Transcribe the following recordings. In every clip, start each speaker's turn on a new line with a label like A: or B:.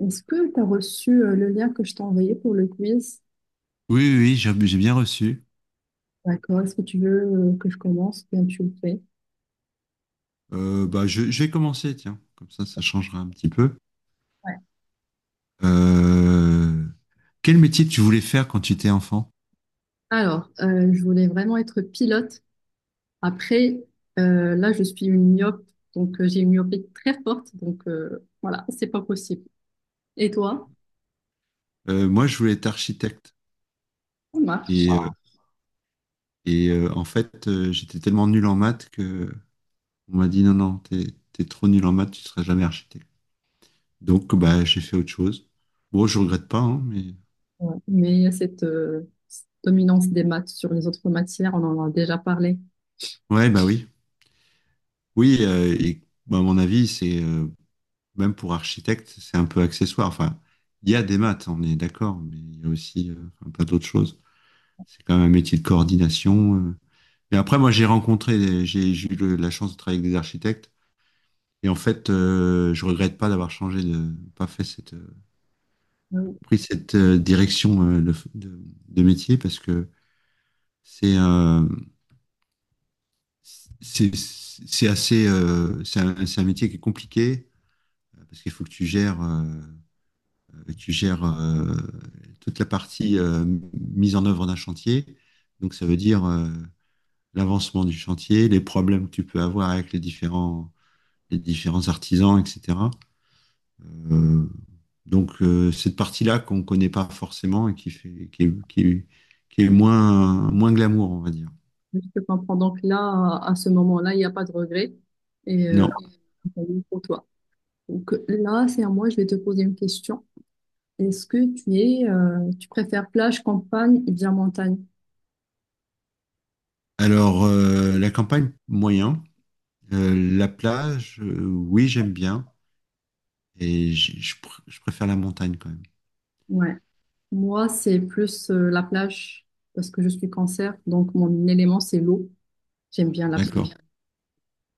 A: Est-ce que tu as reçu le lien que je t'ai envoyé pour le quiz?
B: Oui, oui, oui, j'ai bien reçu.
A: D'accord. Est-ce que tu veux que je commence? Bien, tu le fais.
B: Bah, je vais commencer, tiens, comme ça changera un petit peu.
A: Ouais.
B: Euh, Quel métier tu voulais faire quand tu étais enfant?
A: Alors, je voulais vraiment être pilote. Après, là, je suis une myope, donc j'ai une myopie très forte. Donc, voilà, c'est pas possible. Et toi?
B: Moi, je voulais être architecte.
A: Ça marche.
B: Et, euh, et en fait, j'étais tellement nul en maths que on m'a dit non, non, t'es trop nul en maths, tu seras jamais architecte. Donc, bah, j'ai fait autre chose. Bon, je regrette pas, hein, mais
A: Ouais. Mais il y a cette dominance des maths sur les autres matières, on en a déjà parlé.
B: ouais, bah oui, oui. Et bah, à mon avis, c'est même pour architecte, c'est un peu accessoire. Enfin, il y a des maths, on est d'accord, mais il y a aussi enfin, plein d'autres choses. C'est quand même un métier de coordination. Mais après, moi, j'ai eu la chance de travailler avec des architectes. Et en fait, je regrette pas d'avoir changé de, pas fait cette,
A: Ouais.
B: pris cette direction de, de métier parce que c'est euh, c'est assez, c'est un métier qui est compliqué parce qu'il faut que tu gères. Tu gères toute la partie mise en œuvre d'un chantier. Donc, ça veut dire l'avancement du chantier, les problèmes que tu peux avoir avec les différents artisans, etc. Euh, donc, cette partie-là qu'on ne connaît pas forcément et qui fait, qui est, qui est- qui est moins, moins glamour, on va dire.
A: Je te comprends. Donc là, à ce moment-là, il n'y a pas de regret. Et
B: Non.
A: pour toi. Donc là, c'est à moi, je vais te poser une question. Est-ce que tu es, tu préfères plage, campagne ou bien montagne?
B: Alors, la campagne, moyen. La plage, oui, j'aime bien. Et je préfère la montagne quand même.
A: Ouais. Moi, c'est plus la plage parce que je suis cancer, donc mon élément, c'est l'eau. J'aime bien la plage
B: D'accord.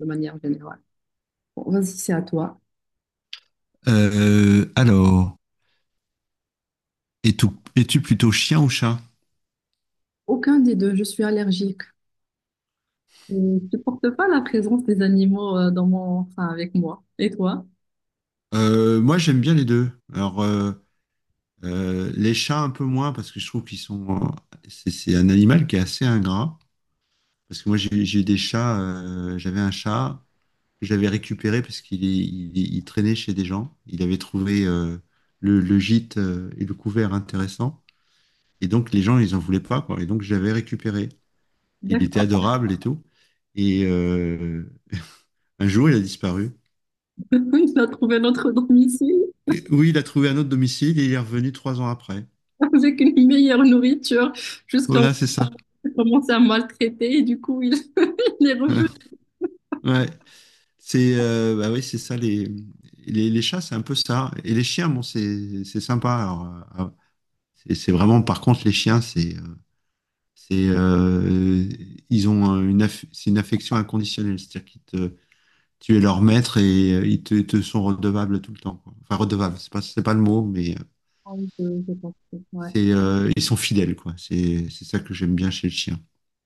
A: de manière générale. Bon, vas-y, c'est à toi.
B: Alors, es-tu es plutôt chien ou chat?
A: Aucun des deux, je suis allergique. Je ne supporte pas la présence des animaux dans mon, enfin, avec moi. Et toi?
B: Moi, j'aime bien les deux. Alors, les chats un peu moins parce que je trouve qu'ils sont. C'est un animal qui est assez ingrat. Parce que moi, j'ai des chats. J'avais un chat que j'avais récupéré parce qu'il traînait chez des gens. Il avait trouvé le gîte et le couvert intéressant. Et donc, les gens, ils en voulaient pas, quoi. Et donc, j'avais récupéré. Il était
A: D'accord.
B: adorable et tout. Et un jour, il a disparu.
A: Il a trouvé notre domicile
B: Et oui, il a trouvé un autre domicile et il est revenu 3 ans après.
A: avec une meilleure nourriture jusqu'à
B: Voilà, c'est ça.
A: commencer à maltraiter et du coup, il... Les revues.
B: Ouais, c'est bah oui, c'est ça les chats, c'est un peu ça. Et les chiens, bon, c'est sympa. Alors, ah, c'est vraiment, par contre, les chiens, c'est ils ont un- une aff- c'est une affection inconditionnelle, c'est-à-dire qu'ils te tu es leur maître et te sont redevables tout le temps, quoi. Enfin, redevables, c'est pas le mot, mais
A: Ah oui, je pense, ouais.
B: c'est ils sont fidèles, quoi. C'est ça que j'aime bien chez le chien.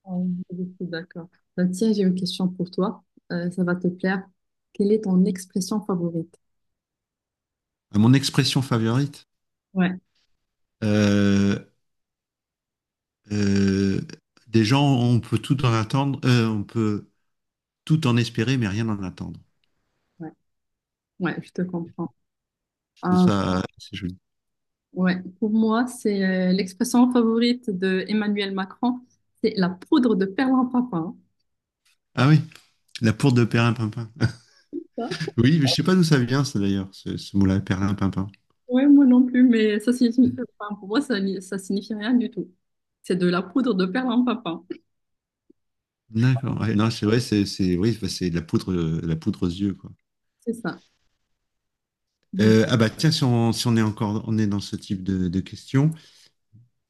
A: Ah oui, je suis d'accord. Bah, tiens, j'ai une question pour toi. Ça va te plaire. Quelle est ton expression favorite?
B: Ah, mon expression favorite.
A: Ouais,
B: Euh, euh, des gens, on peut tout en attendre, on peut tout en espérer, mais rien en attendre.
A: ouais. Ouais, je te comprends.
B: Je trouve
A: Ah,
B: ça assez joli.
A: ouais, pour moi, c'est l'expression favorite de Emmanuel Macron, c'est la poudre de perlimpinpin. Hein.
B: Ah oui, la poudre de Perlimpinpin.
A: Ça
B: Oui, mais je sais pas d'où ça vient, ça d'ailleurs, ce mot-là, Perlimpinpin.
A: ouais, moi non plus, mais ça signifie, enfin, pour moi, ça, ça signifie rien du tout. C'est de la poudre de perlimpinpin.
B: D'accord. Ouais, non, c'est vrai, oui, bah, c'est de la poudre aux yeux, quoi.
A: C'est ça. Vas
B: Ah bah tiens, si on est encore, on est dans ce type de questions,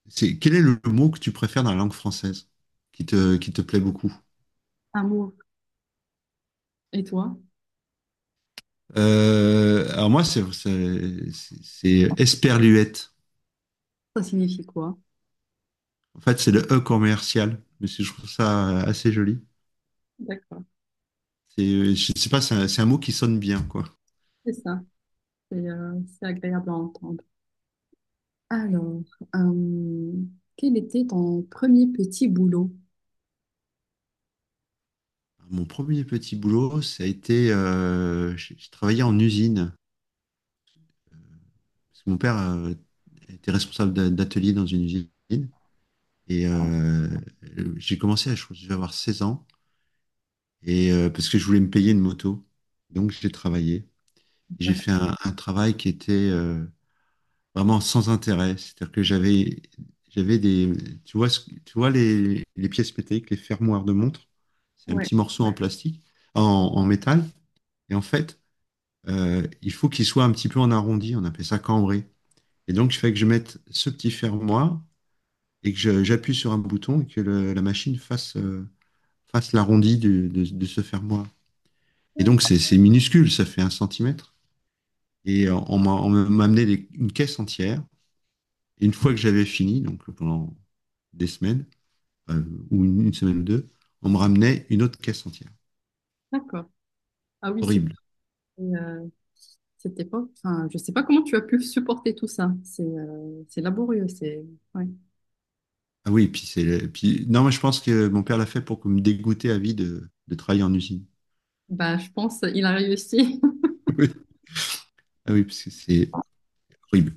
B: c'est quel est le mot que tu préfères dans la langue française qui te plaît beaucoup?
A: Amour. Et toi,
B: Alors moi, Esperluette.
A: ça signifie quoi?
B: En fait, c'est le E commercial, mais je trouve ça assez joli.
A: D'accord.
B: C'est, je sais pas, c'est un mot qui sonne bien, quoi.
A: C'est ça. C'est c'est agréable à entendre. Alors, euh, quel était ton premier petit boulot?
B: Mon premier petit boulot, ça a été, j'ai travaillé en usine. Parce que mon père était responsable d'atelier dans une usine. Et j'ai commencé, je crois que je devais avoir 16 ans, et, parce que je voulais me payer une moto. Donc j'ai travaillé. J'ai fait un travail qui était... vraiment sans intérêt. C'est-à-dire que j'avais des, tu vois, tu vois les pièces métalliques, les fermoirs de montre, c'est un
A: Ouais,
B: petit morceau en Ouais, plastique, en métal. Et en fait, il faut qu'il soit un petit peu en arrondi, on appelle ça cambré. Et donc, je fais que je mette ce petit fermoir et que j'appuie sur un bouton et que la machine fasse l'arrondi de ce fermoir. Et donc, c'est minuscule, ça fait 1 centimètre. Et on m'a amené une caisse entière. Et une fois que j'avais fini, donc pendant des semaines, euh, ou une semaine ou deux, on me ramenait une autre caisse entière.
A: d'accord. Ah oui, c'était
B: Horrible.
A: euh, c'était pas. Enfin, je sais pas comment tu as pu supporter tout ça. C'est laborieux. C'est ouais.
B: Ah oui, puis puis, non, moi je pense que mon père l'a fait pour que me dégoûter à vie de travailler en usine.
A: Bah, je pense il a réussi.
B: Oui. Ah oui, parce que c'est horrible.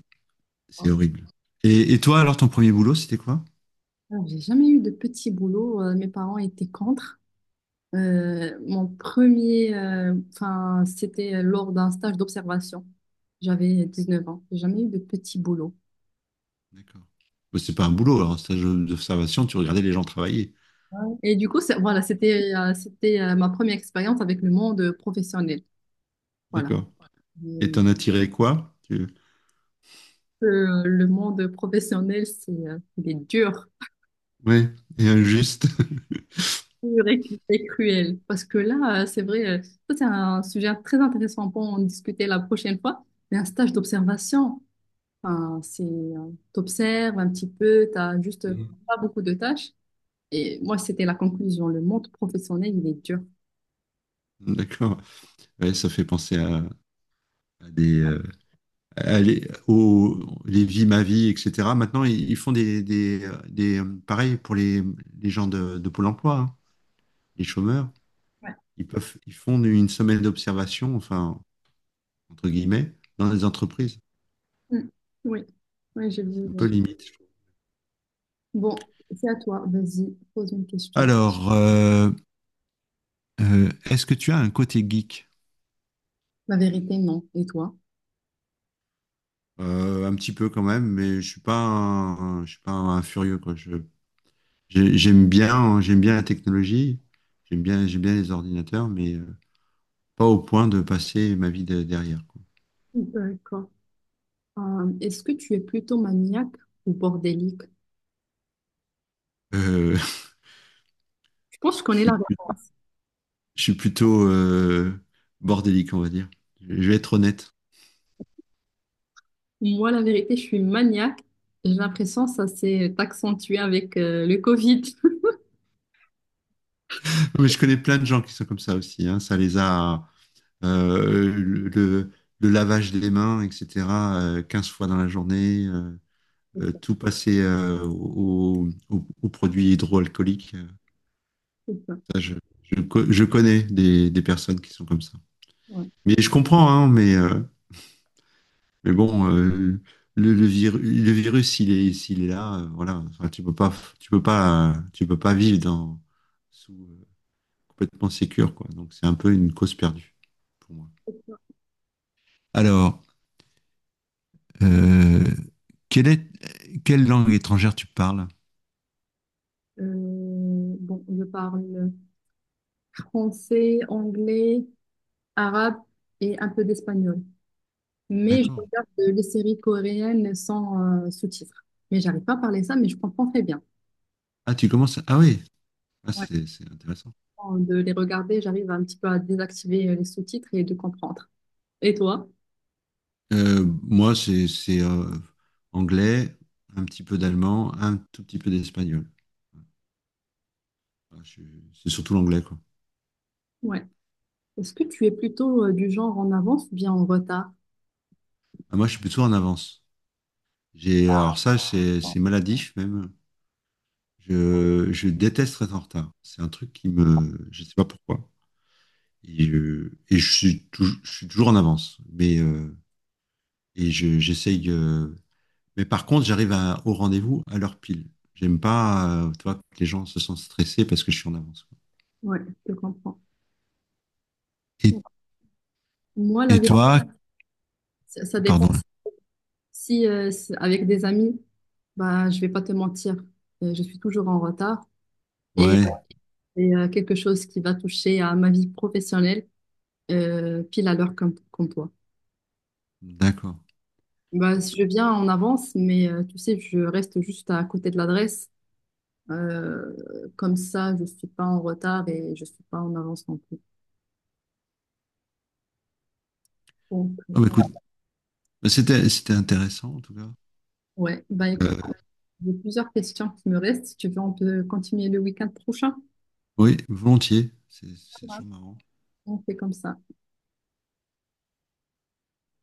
B: C'est horrible. Et toi, alors, ton premier boulot, c'était quoi?
A: Alors, j'ai jamais eu de petit boulot. Mes parents étaient contre. Mon premier, enfin, c'était lors d'un stage d'observation. J'avais 19 ans. J'ai jamais eu de petit boulot.
B: D'accord. Bah, c'est pas un boulot, alors, un stage d'observation, tu regardais les gens travailler.
A: Et du coup, voilà, c'était ma première expérience avec le monde professionnel. Voilà.
B: D'accord. Et
A: Et,
B: t'en as tiré quoi?
A: le monde professionnel, c'est il est dur,
B: Ouais, et injuste.
A: dur et cruel. Parce que là, c'est vrai, ça c'est un sujet très intéressant pour en discuter la prochaine fois. Mais un stage d'observation, enfin, c'est t'observes un petit peu, t'as juste pas beaucoup de tâches. Et moi, c'était la conclusion. Le monde professionnel, il est dur.
B: D'accord. Ouais, ça fait penser à des, aller au les vies ma vie etc maintenant ils font des pareil pour les gens de Pôle emploi hein, les chômeurs
A: Ouais.
B: ils font une semaine d'observation enfin entre guillemets dans les entreprises
A: Mm. Oui, oui, j'ai vu.
B: c'est un peu limite je trouve.
A: Bon, c'est à toi. Vas-y, pose une question.
B: Alors est-ce que tu as un côté geek?
A: La vérité, non. Et toi?
B: Un petit peu quand même mais je suis pas un furieux quoi. J'aime bien hein, j'aime bien la technologie. J'aime bien les ordinateurs mais pas au point de passer ma vie derrière.
A: D'accord. Est-ce que tu es plutôt maniaque ou bordélique?
B: Euh,
A: Je pense que je
B: je
A: connais la
B: suis, plus-
A: réponse.
B: je suis plutôt bordélique, on va dire. Je vais être honnête.
A: Moi, la vérité, je suis maniaque. J'ai l'impression que ça s'est accentué avec le Covid.
B: Mais je connais plein de gens qui sont comme ça aussi, hein. Ça les a, le, le lavage des mains, etc., 15 fois dans la journée,
A: C'est ça,
B: tout passer aux produits hydroalcooliques.
A: c'est ça,
B: Ça, je connais des personnes qui sont comme ça.
A: ouais.
B: Mais je comprends, hein, mais mais bon, le virus, s'il est là, voilà. Enfin, tu peux pas vivre dans, sous, complètement sécure, quoi. Donc, c'est un peu une cause perdue pour moi. Alors, euh, quelle est, quelle langue étrangère tu parles?
A: Bon, je parle français, anglais, arabe et un peu d'espagnol. Mais je
B: D'accord.
A: regarde les séries coréennes sans sous-titres. Mais j'arrive pas à parler ça, mais je comprends très bien.
B: Ah, tu commences. Ah oui. Ah,
A: Ouais.
B: c'est intéressant.
A: Avant de les regarder, j'arrive un petit peu à désactiver les sous-titres et de comprendre. Et toi?
B: Moi, c'est anglais, un petit peu d'allemand, un tout petit peu d'espagnol. Ah, c'est surtout l'anglais, quoi.
A: Ouais. Est-ce que tu es plutôt du genre en avance ou bien en retard?
B: Ah, moi, je suis plutôt en avance. J'ai, alors ça, c'est maladif même. Je déteste être en retard. C'est un truc qui me, je sais pas pourquoi. Je suis toujours en avance. Mais j'essaye. Mais par contre, j'arrive au rendez-vous à l'heure pile. J'aime pas, tu vois, que les gens se sentent stressés parce que je suis en avance, quoi.
A: Ouais, je te comprends. Ouais.
B: Et,
A: Moi, la
B: et
A: vérité,
B: toi,
A: ça dépend.
B: pardon.
A: Si c'est avec des amis, bah, je vais pas te mentir, je suis toujours en retard. Et
B: Ouais,
A: c'est quelque chose qui va toucher à ma vie professionnelle, pile à l'heure comme, comme toi.
B: d'accord.
A: Bah, si je viens en avance, mais tu sais, je reste juste à côté de l'adresse. Comme ça, je suis pas en retard et je suis pas en avance non plus. Donc,
B: Ah bah écoute, bah, c'était intéressant en tout cas.
A: ouais, bah écoute,
B: Euh,
A: j'ai plusieurs questions qui me restent. Si tu veux, on peut continuer le week-end prochain.
B: oui, volontiers. C'est toujours marrant.
A: On fait comme ça.